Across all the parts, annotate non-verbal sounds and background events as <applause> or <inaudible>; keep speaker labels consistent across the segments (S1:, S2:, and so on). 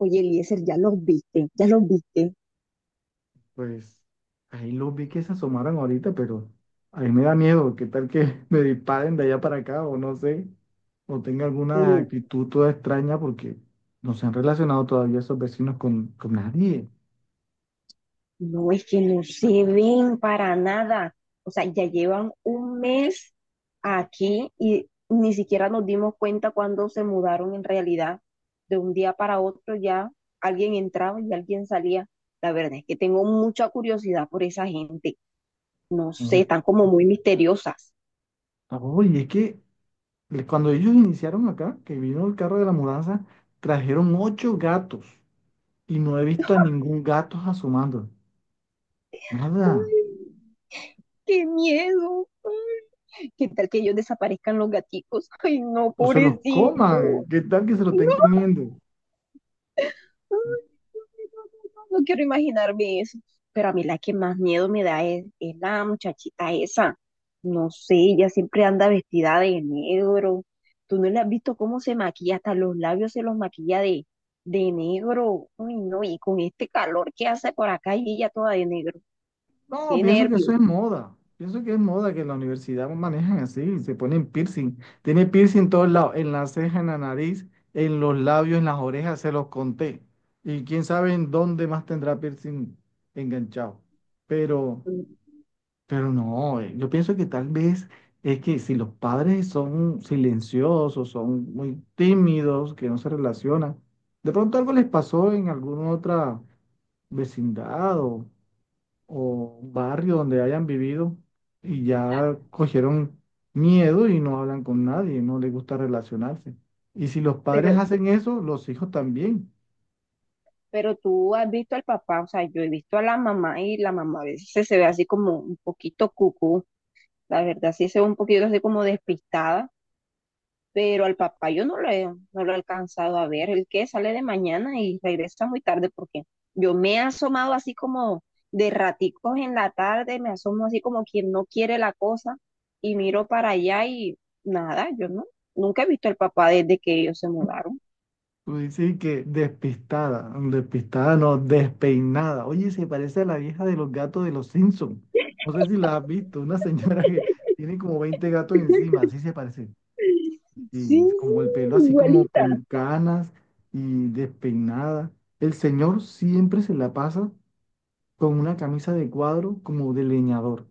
S1: Oye, Eliezer, ya los viste, ya los viste.
S2: Pues ahí los vi que se asomaron ahorita, pero a mí me da miedo. ¿Qué tal que <laughs> me disparen de allá para acá o no sé? O tenga alguna
S1: Pero
S2: actitud toda extraña porque no se han relacionado todavía esos vecinos con nadie.
S1: No es que no se ven para nada. O sea, ya llevan un mes aquí y ni siquiera nos dimos cuenta cuando se mudaron en realidad. De un día para otro ya alguien entraba y alguien salía. La verdad es que tengo mucha curiosidad por esa gente. No sé,
S2: No.
S1: están como muy misteriosas.
S2: Oye, es que cuando ellos iniciaron acá, que vino el carro de la mudanza, trajeron 8 gatos y no he visto a ningún gato asomando. Nada.
S1: Ay, qué miedo. ¿Qué tal que ellos desaparezcan los gaticos? Ay, no,
S2: O se los
S1: pobrecito.
S2: coman. ¿Qué tal que se lo estén comiendo?
S1: No quiero imaginarme eso. Pero a mí la que más miedo me da es la muchachita esa. No sé, ella siempre anda vestida de negro. Tú no le has visto cómo se maquilla, hasta los labios se los maquilla de negro. Uy, no, y con este calor que hace por acá y ella toda de negro.
S2: No,
S1: Qué
S2: pienso que
S1: nervio.
S2: eso es moda. Pienso que es moda que en la universidad manejan así, se ponen piercing. Tiene piercing en todos lados, en la ceja, en la nariz, en los labios, en las orejas, se los conté. Y quién sabe en dónde más tendrá piercing enganchado. Pero,
S1: Mm,
S2: pero no, yo pienso que tal vez es que si los padres son silenciosos, son muy tímidos, que no se relacionan, de pronto algo les pasó en alguna otra vecindad o barrio donde hayan vivido y ya cogieron miedo y no hablan con nadie, no les gusta relacionarse. Y si los padres
S1: Pero,
S2: hacen eso, los hijos también.
S1: pero tú has visto al papá. O sea, yo he visto a la mamá, y la mamá a veces se ve así como un poquito cucú. La verdad, sí se ve un poquito así como despistada. Pero al papá yo no lo he alcanzado a ver. El que sale de mañana y regresa muy tarde, porque yo me he asomado así como de raticos en la tarde, me asomo así como quien no quiere la cosa y miro para allá y nada, yo no, nunca he visto al papá desde que ellos se mudaron.
S2: Tú dices que despistada, despistada no, despeinada. Oye, se parece a la vieja de los gatos de los Simpson. No sé si la has visto, una señora que tiene como 20 gatos encima, así se parece.
S1: Sí, sí,
S2: Y es como el pelo así como
S1: igualita.
S2: con canas y despeinada. El señor siempre se la pasa con una camisa de cuadro como de leñador.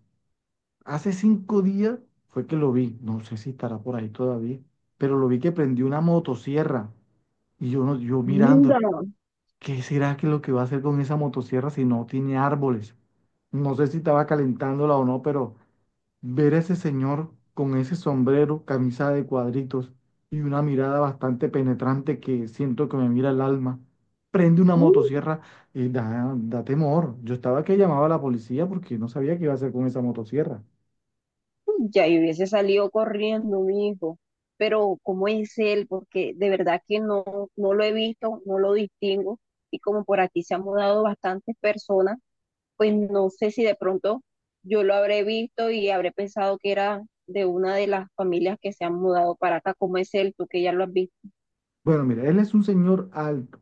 S2: Hace 5 días fue que lo vi, no sé si estará por ahí todavía, pero lo vi que prendió una motosierra y yo, no, yo mirando,
S1: Linda.
S2: ¿qué será que lo que va a hacer con esa motosierra si no tiene árboles? No sé si estaba calentándola o no, pero ver a ese señor con ese sombrero, camisa de cuadritos y una mirada bastante penetrante que siento que me mira el alma, prende una motosierra y da temor. Yo estaba que llamaba a la policía porque no sabía qué iba a hacer con esa motosierra.
S1: Ya yo hubiese salido corriendo, mi hijo. Pero ¿cómo es él? Porque de verdad que no, no lo he visto, no lo distingo. Y como por aquí se han mudado bastantes personas, pues no sé si de pronto yo lo habré visto y habré pensado que era de una de las familias que se han mudado para acá. ¿Cómo es él? Tú que ya lo has visto.
S2: Bueno, mira, él es un señor alto,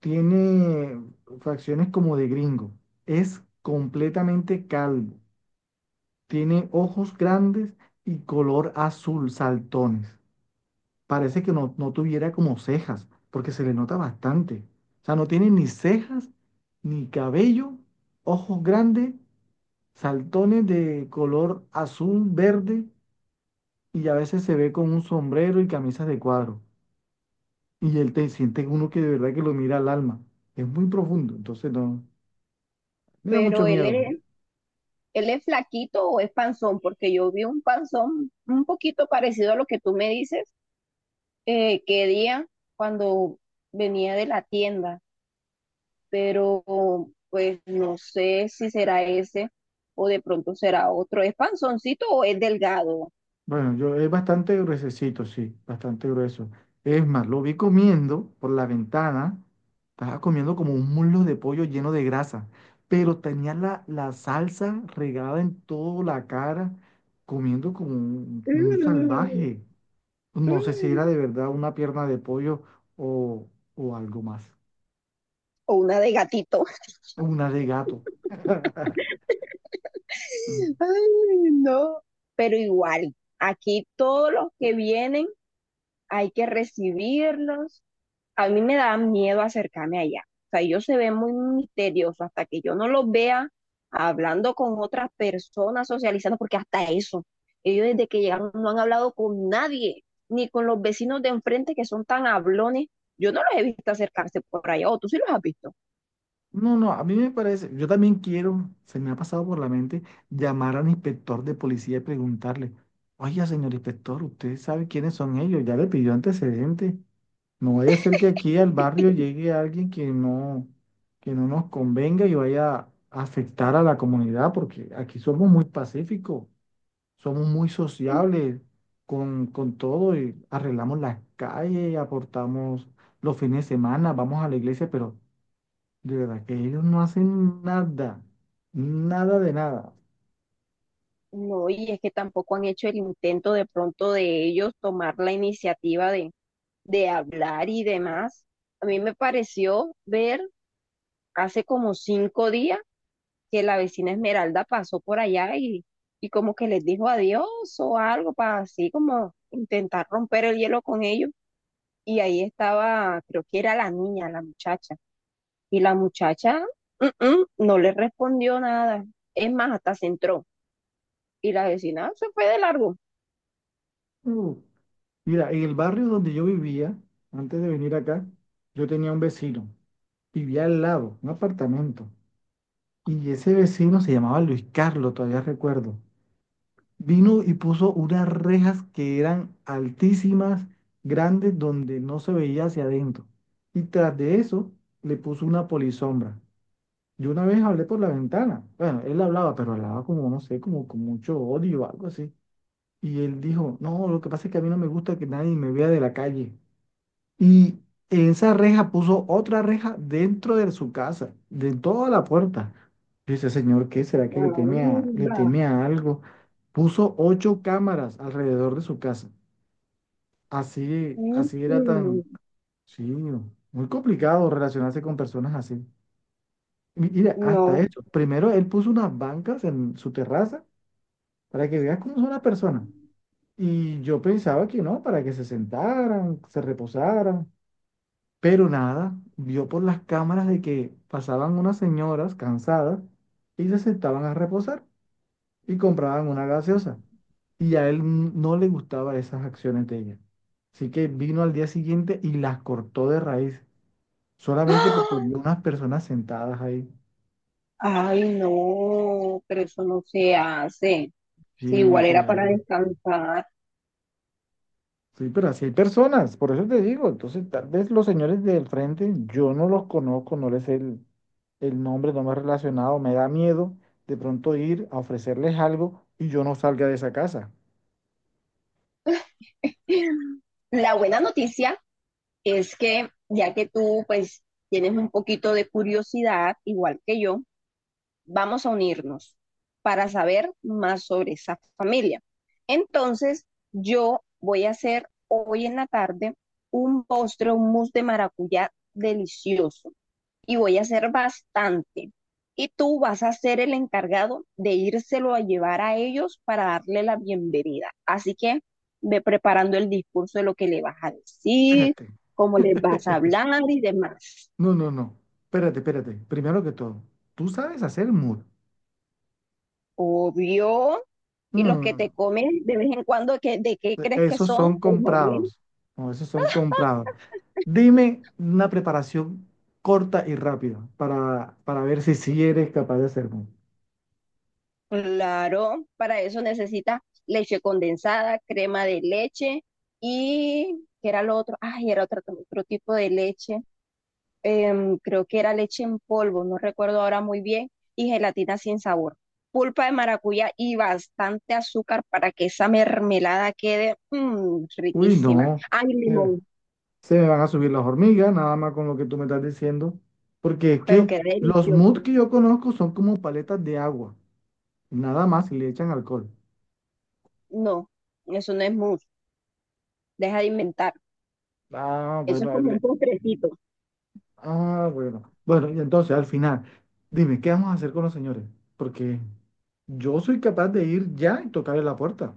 S2: tiene facciones como de gringo, es completamente calvo, tiene ojos grandes y color azul saltones. Parece que no, no tuviera como cejas, porque se le nota bastante. O sea, no tiene ni cejas, ni cabello, ojos grandes, saltones de color azul, verde, y a veces se ve con un sombrero y camisas de cuadro. Y él te siente uno que de verdad que lo mira al alma. Es muy profundo, entonces no, me da
S1: Pero
S2: mucho
S1: él
S2: miedo.
S1: es, él es flaquito o es panzón, porque yo vi un panzón un poquito parecido a lo que tú me dices, que día cuando venía de la tienda. Pero pues no sé si será ese o de pronto será otro. ¿Es panzoncito o es delgado?
S2: Bueno, yo es bastante gruesecito, sí, bastante grueso. Es más, lo vi comiendo por la ventana. Estaba comiendo como un muslo de pollo lleno de grasa, pero tenía la salsa regada en toda la cara, comiendo como un
S1: Mm,
S2: salvaje. No sé si era
S1: mm.
S2: de verdad una pierna de pollo o, o algo más,
S1: O una de gatito.
S2: una de gato.
S1: <laughs> Ay, no. Pero igual, aquí todos los que vienen hay que recibirlos. A mí me da miedo acercarme allá. O sea, ellos se ven muy misteriosos hasta que yo no los vea hablando con otras personas, socializando, porque hasta eso, ellos desde que llegaron no han hablado con nadie, ni con los vecinos de enfrente que son tan hablones. Yo no los he visto acercarse por allá, ¿o tú sí los has visto?
S2: No, no, a mí me parece, yo también quiero, se me ha pasado por la mente llamar al inspector de policía y preguntarle, oiga, señor inspector, ¿usted sabe quiénes son ellos? Ya le pidió antecedentes. No vaya a ser que aquí al barrio llegue alguien que no nos convenga y vaya a afectar a la comunidad, porque aquí somos muy pacíficos, somos muy sociables con todo y arreglamos las calles, aportamos los fines de semana, vamos a la iglesia, pero de verdad que ellos no hacen nada, nada de nada.
S1: No, y es que tampoco han hecho el intento de pronto de ellos tomar la iniciativa de hablar y demás. A mí me pareció ver hace como 5 días que la vecina Esmeralda pasó por allá y como que les dijo adiós o algo para así como intentar romper el hielo con ellos. Y ahí estaba, creo que era la niña, la muchacha. Y la muchacha no le respondió nada. Es más, hasta se entró. Y la vecina se fue de largo.
S2: Uh, Mira, en el barrio donde yo vivía, antes de venir acá, yo tenía un vecino, vivía al lado, un apartamento, y ese vecino se llamaba Luis Carlos, todavía recuerdo. Vino y puso unas rejas que eran altísimas, grandes, donde no se veía hacia adentro. Y tras de eso, le puso una polisombra. Yo una vez hablé por la ventana. Bueno, él hablaba, pero hablaba como, no sé, como con mucho odio o algo así. Y él dijo, no, lo que pasa es que a mí no me gusta que nadie me vea de la calle. Y en esa reja puso otra reja dentro de su casa, de toda la puerta. Yo dice, señor, ¿qué será que le
S1: Anda.
S2: teme a algo? Puso 8 cámaras alrededor de su casa. Así,
S1: Mm,
S2: así era
S1: mm.
S2: tan, sí, muy complicado relacionarse con personas así. Mira, hasta
S1: No.
S2: eso. Primero él puso unas bancas en su terraza para que veas cómo son las personas. Y yo pensaba que no, para que se sentaran, se reposaran, pero nada, vio por las cámaras de que pasaban unas señoras cansadas y se sentaban a reposar y compraban una gaseosa. Y a él no le gustaban esas acciones de ella. Así que vino al día siguiente y las cortó de raíz, solamente porque
S1: ¡Ah!
S2: vio unas personas sentadas ahí.
S1: Ay, no, pero eso no se hace. Si
S2: Sí,
S1: igual era para
S2: claro.
S1: descansar.
S2: Sí, pero así hay personas, por eso te digo. Entonces, tal vez los señores del frente, yo no los conozco, no les sé el nombre, no me he relacionado, me da miedo de pronto ir a ofrecerles algo y yo no salga de esa casa.
S1: La buena noticia es que ya que tú pues tienes un poquito de curiosidad, igual que yo, vamos a unirnos para saber más sobre esa familia. Entonces, yo voy a hacer hoy en la tarde un postre, un mousse de maracuyá delicioso, y voy a hacer bastante. Y tú vas a ser el encargado de írselo a llevar a ellos para darle la bienvenida. Así que ve preparando el discurso de lo que le vas a decir,
S2: Espérate.
S1: cómo les vas a
S2: <laughs>
S1: hablar y demás.
S2: No, no, no. Espérate, espérate. Primero que todo, tú sabes hacer muro.
S1: Obvio. Y los que te
S2: Mm,
S1: comes de vez en cuando, ¿de qué crees que
S2: esos
S1: son?
S2: son
S1: O más bien,
S2: comprados. No, esos son comprados. Dime una preparación corta y rápida para ver si sí eres capaz de hacerlo.
S1: claro, para eso necesitas leche condensada, crema de leche y, ¿qué era lo otro? Ay, era otro tipo de leche. Creo que era leche en polvo, no recuerdo ahora muy bien, y gelatina sin sabor, pulpa de maracuyá y bastante azúcar para que esa mermelada quede
S2: Uy,
S1: riquísima.
S2: no,
S1: Ay,
S2: eh,
S1: limón,
S2: se me van a subir las hormigas, nada más con lo que tú me estás diciendo, porque es
S1: pero
S2: que
S1: queda
S2: los mods
S1: delicioso.
S2: que yo conozco son como paletas de agua, nada más y le echan alcohol.
S1: No, eso no es mousse, deja de inventar.
S2: Ah,
S1: Eso es
S2: bueno,
S1: como un postrecito.
S2: ah, bueno. Bueno, y entonces al final, dime, ¿qué vamos a hacer con los señores? Porque yo soy capaz de ir ya y tocarle la puerta,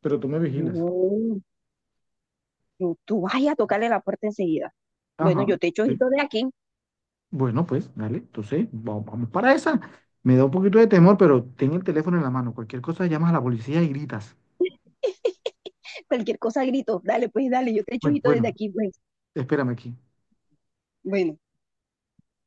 S2: pero tú me vigilas.
S1: No, tú vayas a tocarle la puerta enseguida. Bueno,
S2: Ajá,
S1: yo te echo
S2: sí.
S1: ojito de aquí.
S2: Bueno, pues, dale, entonces, vamos para esa. Me da un poquito de temor, pero ten el teléfono en la mano. Cualquier cosa llamas a la policía y gritas.
S1: Cualquier cosa grito. Dale, pues, dale, yo te echo
S2: Bueno,
S1: ojito desde
S2: bueno,
S1: aquí, pues.
S2: espérame aquí.
S1: Bueno.